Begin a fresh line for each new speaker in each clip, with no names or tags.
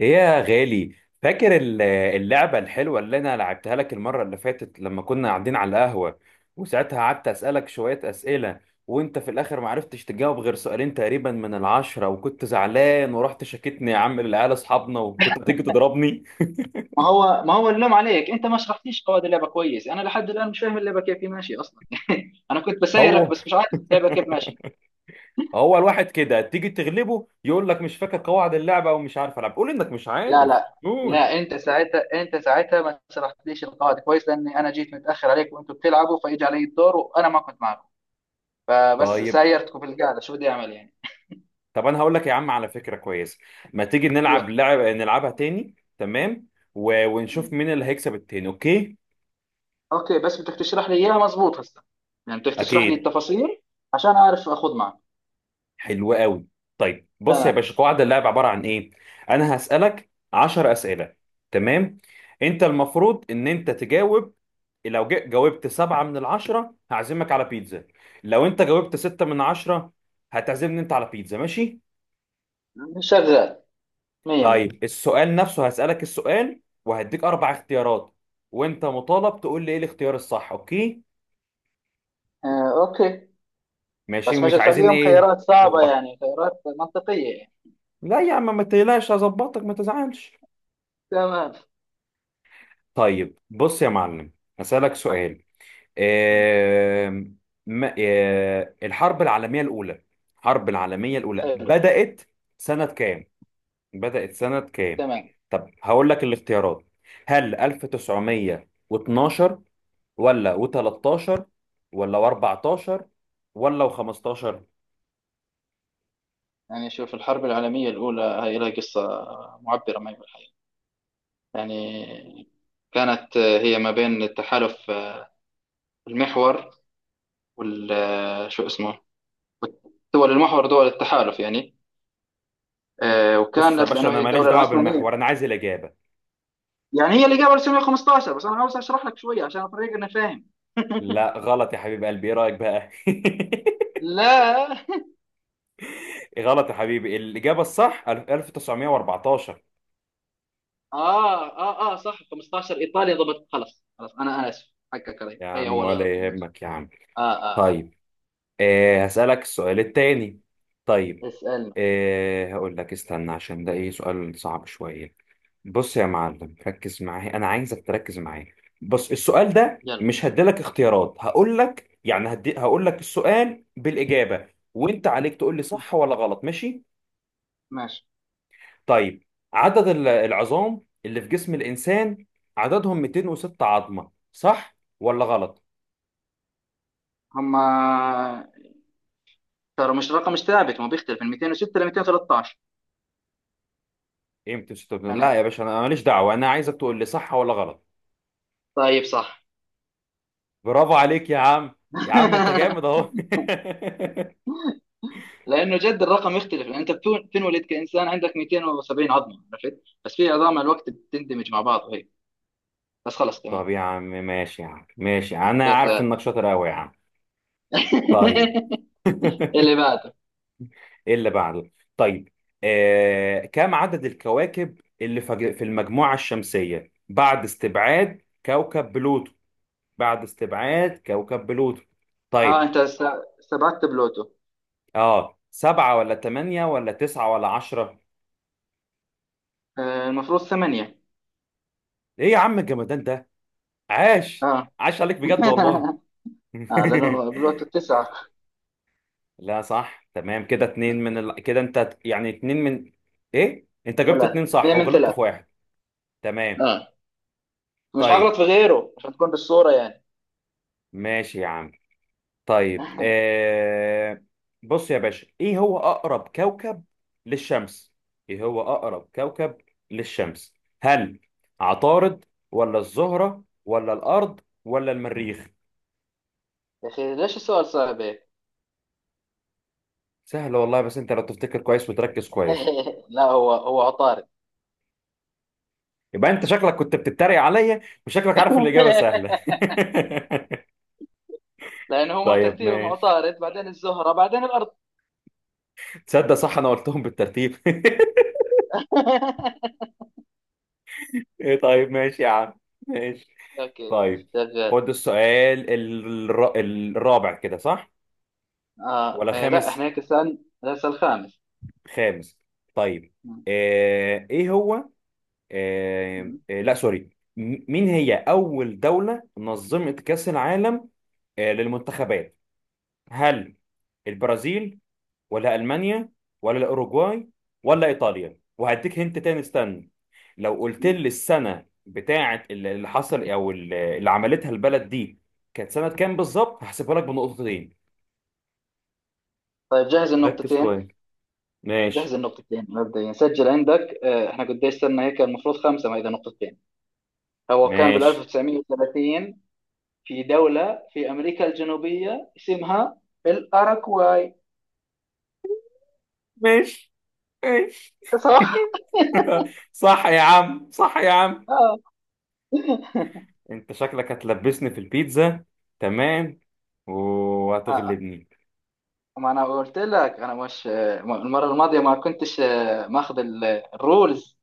ايه يا غالي. فاكر اللعبة الحلوة اللي انا لعبتها لك المرة اللي فاتت لما كنا قاعدين على القهوة، وساعتها قعدت اسألك شوية اسئلة، وانت في الاخر ما عرفتش تجاوب غير سؤالين تقريبا من العشرة، وكنت زعلان ورحت شاكتني يا عم للعيال اصحابنا وكنت هتيجي تضربني.
ما هو اللوم عليك، انت ما شرحتيش قواعد اللعبه كويس. انا لحد الان مش فاهم اللعبه كيف هي ماشيه اصلا. انا كنت بسيرك
هو.
بس مش عارف اللعبه كيف ماشيه.
هو الواحد كده تيجي تغلبه يقول لك مش فاكر قواعد اللعبة ومش عارف العب، قول انك مش
لا،
عارف،
لا،
قول.
لا، انت ساعتها ما شرحتليش القواعد كويس، لاني انا جيت متاخر عليك وانتم بتلعبوا، فاجى علي الدور وانا ما كنت معكم. فبس
طيب،
سايرتكم في القعده، شو بدي اعمل يعني؟
طب انا هقول لك يا عم على فكره كويسه، ما تيجي نلعب
يلا.
نلعبها تاني، تمام؟
م.
ونشوف مين اللي هيكسب التاني، اوكي؟
اوكي، بس بدك تشرح لي اياها مزبوط هسه، يعني بدك تشرح لي
اكيد.
التفاصيل عشان اعرف اخذ معك.
حلو قوي. طيب بص يا
تمام.
باشا، قواعد اللعب عباره عن ايه. انا هسالك 10 اسئله، تمام؟ انت المفروض ان انت تجاوب. لو جاوبت سبعة من العشرة هعزمك على بيتزا، لو انت جاوبت ستة من عشرة هتعزمني انت على بيتزا، ماشي؟
شغال. 100 100.
طيب، السؤال نفسه هسألك السؤال وهديك أربع اختيارات، وأنت مطالب تقول لي إيه الاختيار الصح، أوكي؟
آه، اوكي.
ماشي،
بس مش
ومش عايزين
تخليهم
إيه؟
خيارات صعبة،
لخبطة.
يعني خيارات منطقية يعني.
لا يا عم ما تقلقش، هظبطك ما تزعلش.
تمام.
طيب بص يا معلم، هسألك
أحكي.
سؤال.
مم.
آم، الحرب العالمية الأولى، الحرب العالمية الأولى
حلو.
بدأت سنة كام؟ بدأت سنة كام؟
تمام.
طب هقول لك الاختيارات، هل 1912 ولا و13 ولا و14 ولا و15؟
يعني شوف، الحرب العالمية الأولى هي لها قصة معبرة ما بالحقيقة يعني. كانت هي ما بين التحالف المحور وال شو اسمه، دول المحور دول التحالف يعني،
بص يا
وكانت
باشا
لأنه
انا
هي
ماليش
الدولة
دعوه
العثمانية.
بالمحور، انا عايز الاجابه.
يعني هي اللي قبل 1915، بس أنا عاوز أشرح لك شوية عشان الطريق أنا فاهم.
لا غلط يا حبيب قلبي، ايه رايك بقى؟
لا.
غلط يا حبيبي، الاجابه الصح 1914.
اه، اه، اه، صح، 15، ايطاليا، ضبط. خلاص، خلاص، انا اسف، حقك علي،
يا
هي
عم
اول غلط،
ولا
ماشي.
يهمك يا عم.
اه، اه، اه.
طيب، آه هسألك السؤال التاني. طيب
اسالنا.
آه هقول لك استنى، عشان ده ايه سؤال صعب شوية. بص يا معلم ركز معايا، انا عايزك تركز معايا. بص السؤال ده
يلا.
مش هديلك اختيارات، هقول لك يعني هقول لك السؤال بالإجابة، وانت عليك تقول لي صح ولا غلط، ماشي؟
ماشي.
طيب، عدد العظام اللي في جسم الإنسان عددهم 206 عظمة، صح ولا غلط؟
هم ترى مش رقم، مش ثابت، ما بيختلف من 206 ل 213
ايه 206، لا
يعني.
يا باشا انا، أنا ماليش دعوة، انا عايزك تقول لي صح ولا غلط.
طيب، صح.
برافو عليك يا عم. يا عم انت جامد اهو.
لانه جد الرقم يختلف، لان انت بتنولد كانسان عندك 270 عظمه، عرفت، بس في عظام مع الوقت بتندمج مع بعض وهيك. بس خلص، تمام.
طب يا عم ماشي يا عم، ماشي، انا عارف
شغال.
انك شاطر قوي يا عم. طيب.
اللي بعده.
ايه اللي بعده. طيب، آه، كم عدد الكواكب اللي في المجموعة الشمسية بعد استبعاد كوكب بلوتو؟ بعد استبعاد كوكب بلوتو.
اه،
طيب،
انت سبعت بلوتو.
اه سبعة ولا تمانية ولا تسعة ولا عشرة؟
آه، المفروض ثمانيه.
ايه يا عم الجمدان ده، عاش،
اه.
عاش عليك بجد والله.
اه، لانه بالوقت التسعة.
لا صح، تمام كده اتنين كده انت يعني اتنين من، ايه انت جبت اتنين
ثلاثة،
صح
هي من
وغلطت في
ثلاثة.
واحد. تمام.
اه، مش
طيب
هغلط في غيره عشان تكون بالصورة يعني.
ماشي يا عم. طيب آه... بص يا باشا، ايه هو اقرب كوكب للشمس؟ ايه هو اقرب كوكب للشمس؟ هل عطارد ولا الزهرة ولا الارض ولا المريخ؟
يا اخي، ليش السؤال صعب هيك؟
سهل والله، بس انت لو تفتكر كويس وتركز كويس.
لا، هو هو عطارد.
يبقى انت شكلك كنت بتتريق عليا، وشكلك عارف الاجابة سهلة.
لانه هو
طيب
ترتيبهم
ماشي.
عطارد، بعدين الزهرة، بعدين الارض.
تصدق صح، انا قلتهم بالترتيب. إيه، طيب ماشي يا عم، ماشي.
اوكي، مش
طيب
شغال.
خد السؤال الرابع، كده صح؟
اه،
ولا
إيه، لا،
خامس؟
احنا هيك السؤال الخامس.
خامس. طيب.
م-
آه... ايه هو آه...
م-
آه... لا سوري مين هي اول دولة نظمت كأس العالم، آه، للمنتخبات؟ هل البرازيل ولا المانيا ولا الاوروجواي ولا ايطاليا؟ وهديك هنت تاني، استنى، لو قلت
م.
لي السنه بتاعه اللي حصل او اللي عملتها البلد دي كانت سنه كام بالظبط، هحسبها لك بنقطتين.
طيب جهز
ركز
النقطتين.
كويس.
جهز
ماشي،
النقطتين مبدئيا، سجل عندك. احنا قديش صرنا هيك؟ المفروض خمسة ما اذا نقطتين. هو كان بال
ماشي.
1930 في دولة في أمريكا الجنوبية اسمها الأراكواي.
ماشي ماشي.
صح؟
صح يا عم، صح يا عم.
آه.
انت شكلك هتلبسني في البيتزا، تمام،
آه.
وهتغلبني.
ما أنا قلت لك أنا مش المرة الماضية ما كنتش ماخذ الرولز.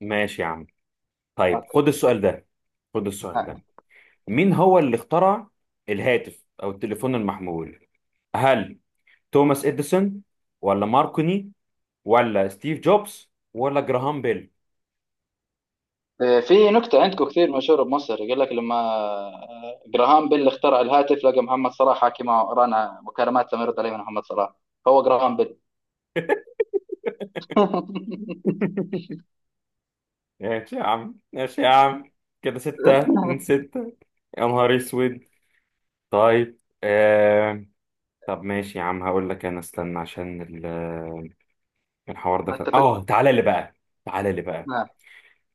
ماشي يا عم. طيب
أوكي.
خد السؤال ده، خد السؤال
هاي.
ده. مين هو اللي اخترع الهاتف او التليفون المحمول؟ هل توماس اديسون ولا ماركوني ولا ستيف جوبز ولا جراهام بيل؟
في نكتة عندكم كثير مشهورة بمصر، يقول لك لما جراهام بيل اخترع الهاتف لقى محمد صلاح حاكي معه، رانا مكالمات لم يرد عليه من محمد صلاح، هو جراهام بيل.
ماشي يا عم ماشي يا عم، كده ستة من ستة، يا نهار اسود. طيب آه... طب ماشي يا عم، هقول لك انا استنى عشان الحوار ده
ما
كان
اتفقنا.
اه، تعالى لي بقى، تعالى لي بقى.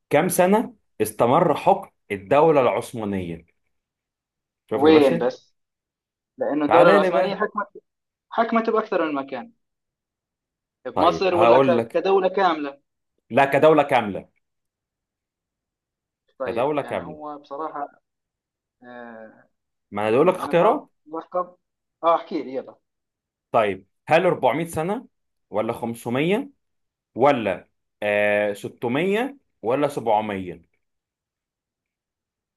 كم سنة استمر حكم الدولة العثمانية؟ شوف يا
وين
باشا،
بس؟ لأنه الدولة
تعالى لي
العثمانية
بقى.
حكمت بأكثر من مكان،
طيب
بمصر ولا
هقول لك،
كدولة كاملة؟
لا كدولة كاملة،
طيب.
كدولة
يعني
كاملة،
هو بصراحة آه،
ما انا بقول لك
يعني أنا بعرف
اختيارات.
بحكم. احكي لي، يلا.
طيب هل 400 سنة ولا 500 ولا آه 600 ولا 700؟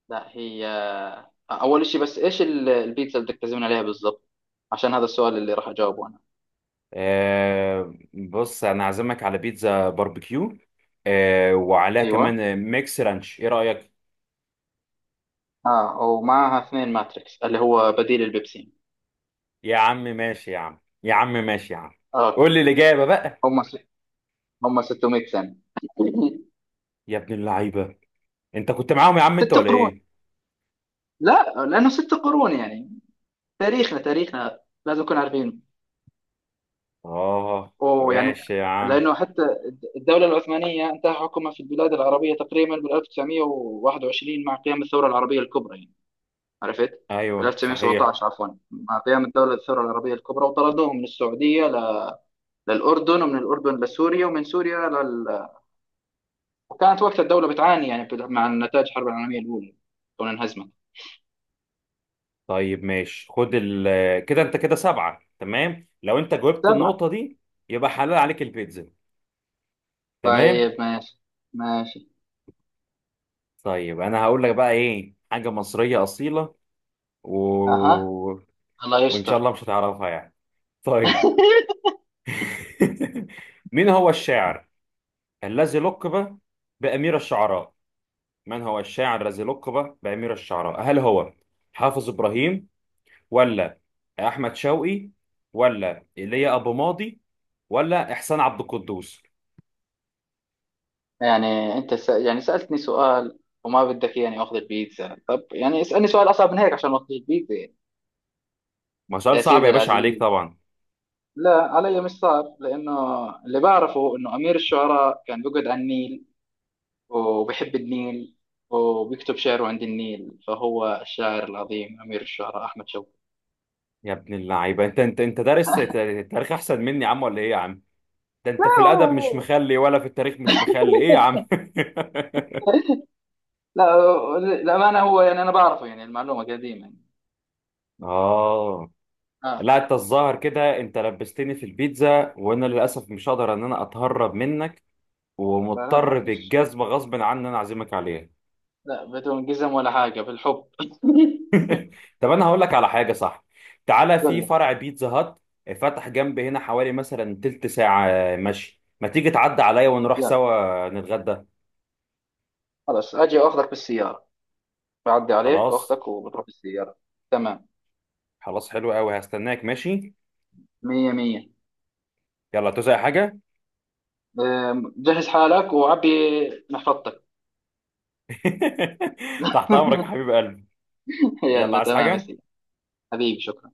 لا، هي أول شيء، بس إيش البيتزا اللي بدك تعزمني عليها بالضبط؟ عشان هذا السؤال اللي راح أجاوبه أنا.
آه بص، انا عازمك على بيتزا باربيكيو، آه وعليها كمان
أيوه.
آه، ميكس رانش، ايه رأيك؟
ومعها اثنين ماتريكس اللي هو بديل البيبسين.
يا عم ماشي يا عم، يا عم ماشي يا عم.
أوكي.
قول لي الإجابة بقى.
هم س... هم 600 سنة.
يا ابن اللعيبة، انت كنت معاهم يا عم انت
ست
ولا
قرون.
ايه؟
لا، لأنه ست قرون يعني، تاريخنا، تاريخنا لازم نكون عارفين،
اه
ويعني
ماشي يا عم.
لأنه حتى الدولة العثمانية انتهى حكمها في البلاد العربية تقريبا بال 1921 مع قيام الثورة العربية الكبرى يعني. عرفت؟ بال
ايوه صحيح.
1917 عفوا، مع قيام الدولة الثورة العربية الكبرى، وطردوهم من السعودية للأردن، ومن الأردن لسوريا، ومن سوريا وكانت وقت الدولة بتعاني يعني مع نتائج الحرب العالمية الأولى، كون انهزمت.
طيب ماشي، خد ال، كده انت كده سبعة تمام لو انت جاوبت
سبعة.
النقطة دي، يبقى حلال عليك البيتزا، تمام.
طيب ماشي. ماشي.
طيب انا هقول لك بقى ايه، حاجة مصرية أصيلة، و...
أها. الله
وان شاء
يستر.
الله مش هتعرفها يعني. طيب. مين هو الشاعر الذي لقب بأمير الشعراء؟ من هو الشاعر الذي لقب بأمير الشعراء؟ هل هو حافظ إبراهيم ولا أحمد شوقي ولا إيليا أبو ماضي ولا إحسان عبد القدوس؟
يعني انت يعني سألتني سؤال، وما بدك يعني اخذ البيتزا؟ طب يعني اسألني سؤال اصعب من هيك عشان ما اخذ البيتزا يعني.
ما سؤال
يا
صعب يا
سيدي
باشا عليك
العزيز،
طبعا.
لا، علي مش صعب، لانه اللي بعرفه انه امير الشعراء كان بيقعد على النيل، وبيحب النيل، وبيكتب شعره عند النيل، فهو الشاعر العظيم امير الشعراء احمد شوقي.
يا ابن اللعيبه، انت انت دارس تاريخ احسن مني يا عم ولا ايه يا عم؟ ده
لا
انت في الادب مش مخلي ولا في التاريخ مش مخلي، ايه يا عم؟
لا، للامانه هو، يعني انا بعرفه، يعني المعلومه قديمه يعني.
اه.
اه.
لا انت الظاهر كده انت لبستني في البيتزا، وانا للاسف مش هقدر ان انا اتهرب منك،
فلا ما
ومضطر
فيش،
بالجزمه غصب عني ان انا اعزمك عليها.
لا بدون قزم ولا حاجه، بالحب.
طب انا هقول لك على حاجه صح، تعالى،
قول
في
لي.
فرع بيتزا هات فتح جنب هنا حوالي مثلا تلت ساعه مشي، ما تيجي تعدي عليا ونروح
يلا.
سوا نتغدى.
خلاص، اجي واخدك بالسياره، بعدي عليك
خلاص،
واخدك وبتروح بالسياره. تمام.
خلاص حلو قوي، هستناك ماشي.
مية مية.
يلا توزع حاجه.
جهز حالك وعبي محفظتك.
تحت امرك يا حبيب قلبي. يلا
يلا،
عايز
تمام يا
حاجه.
سيدي. حبيبي، شكرا.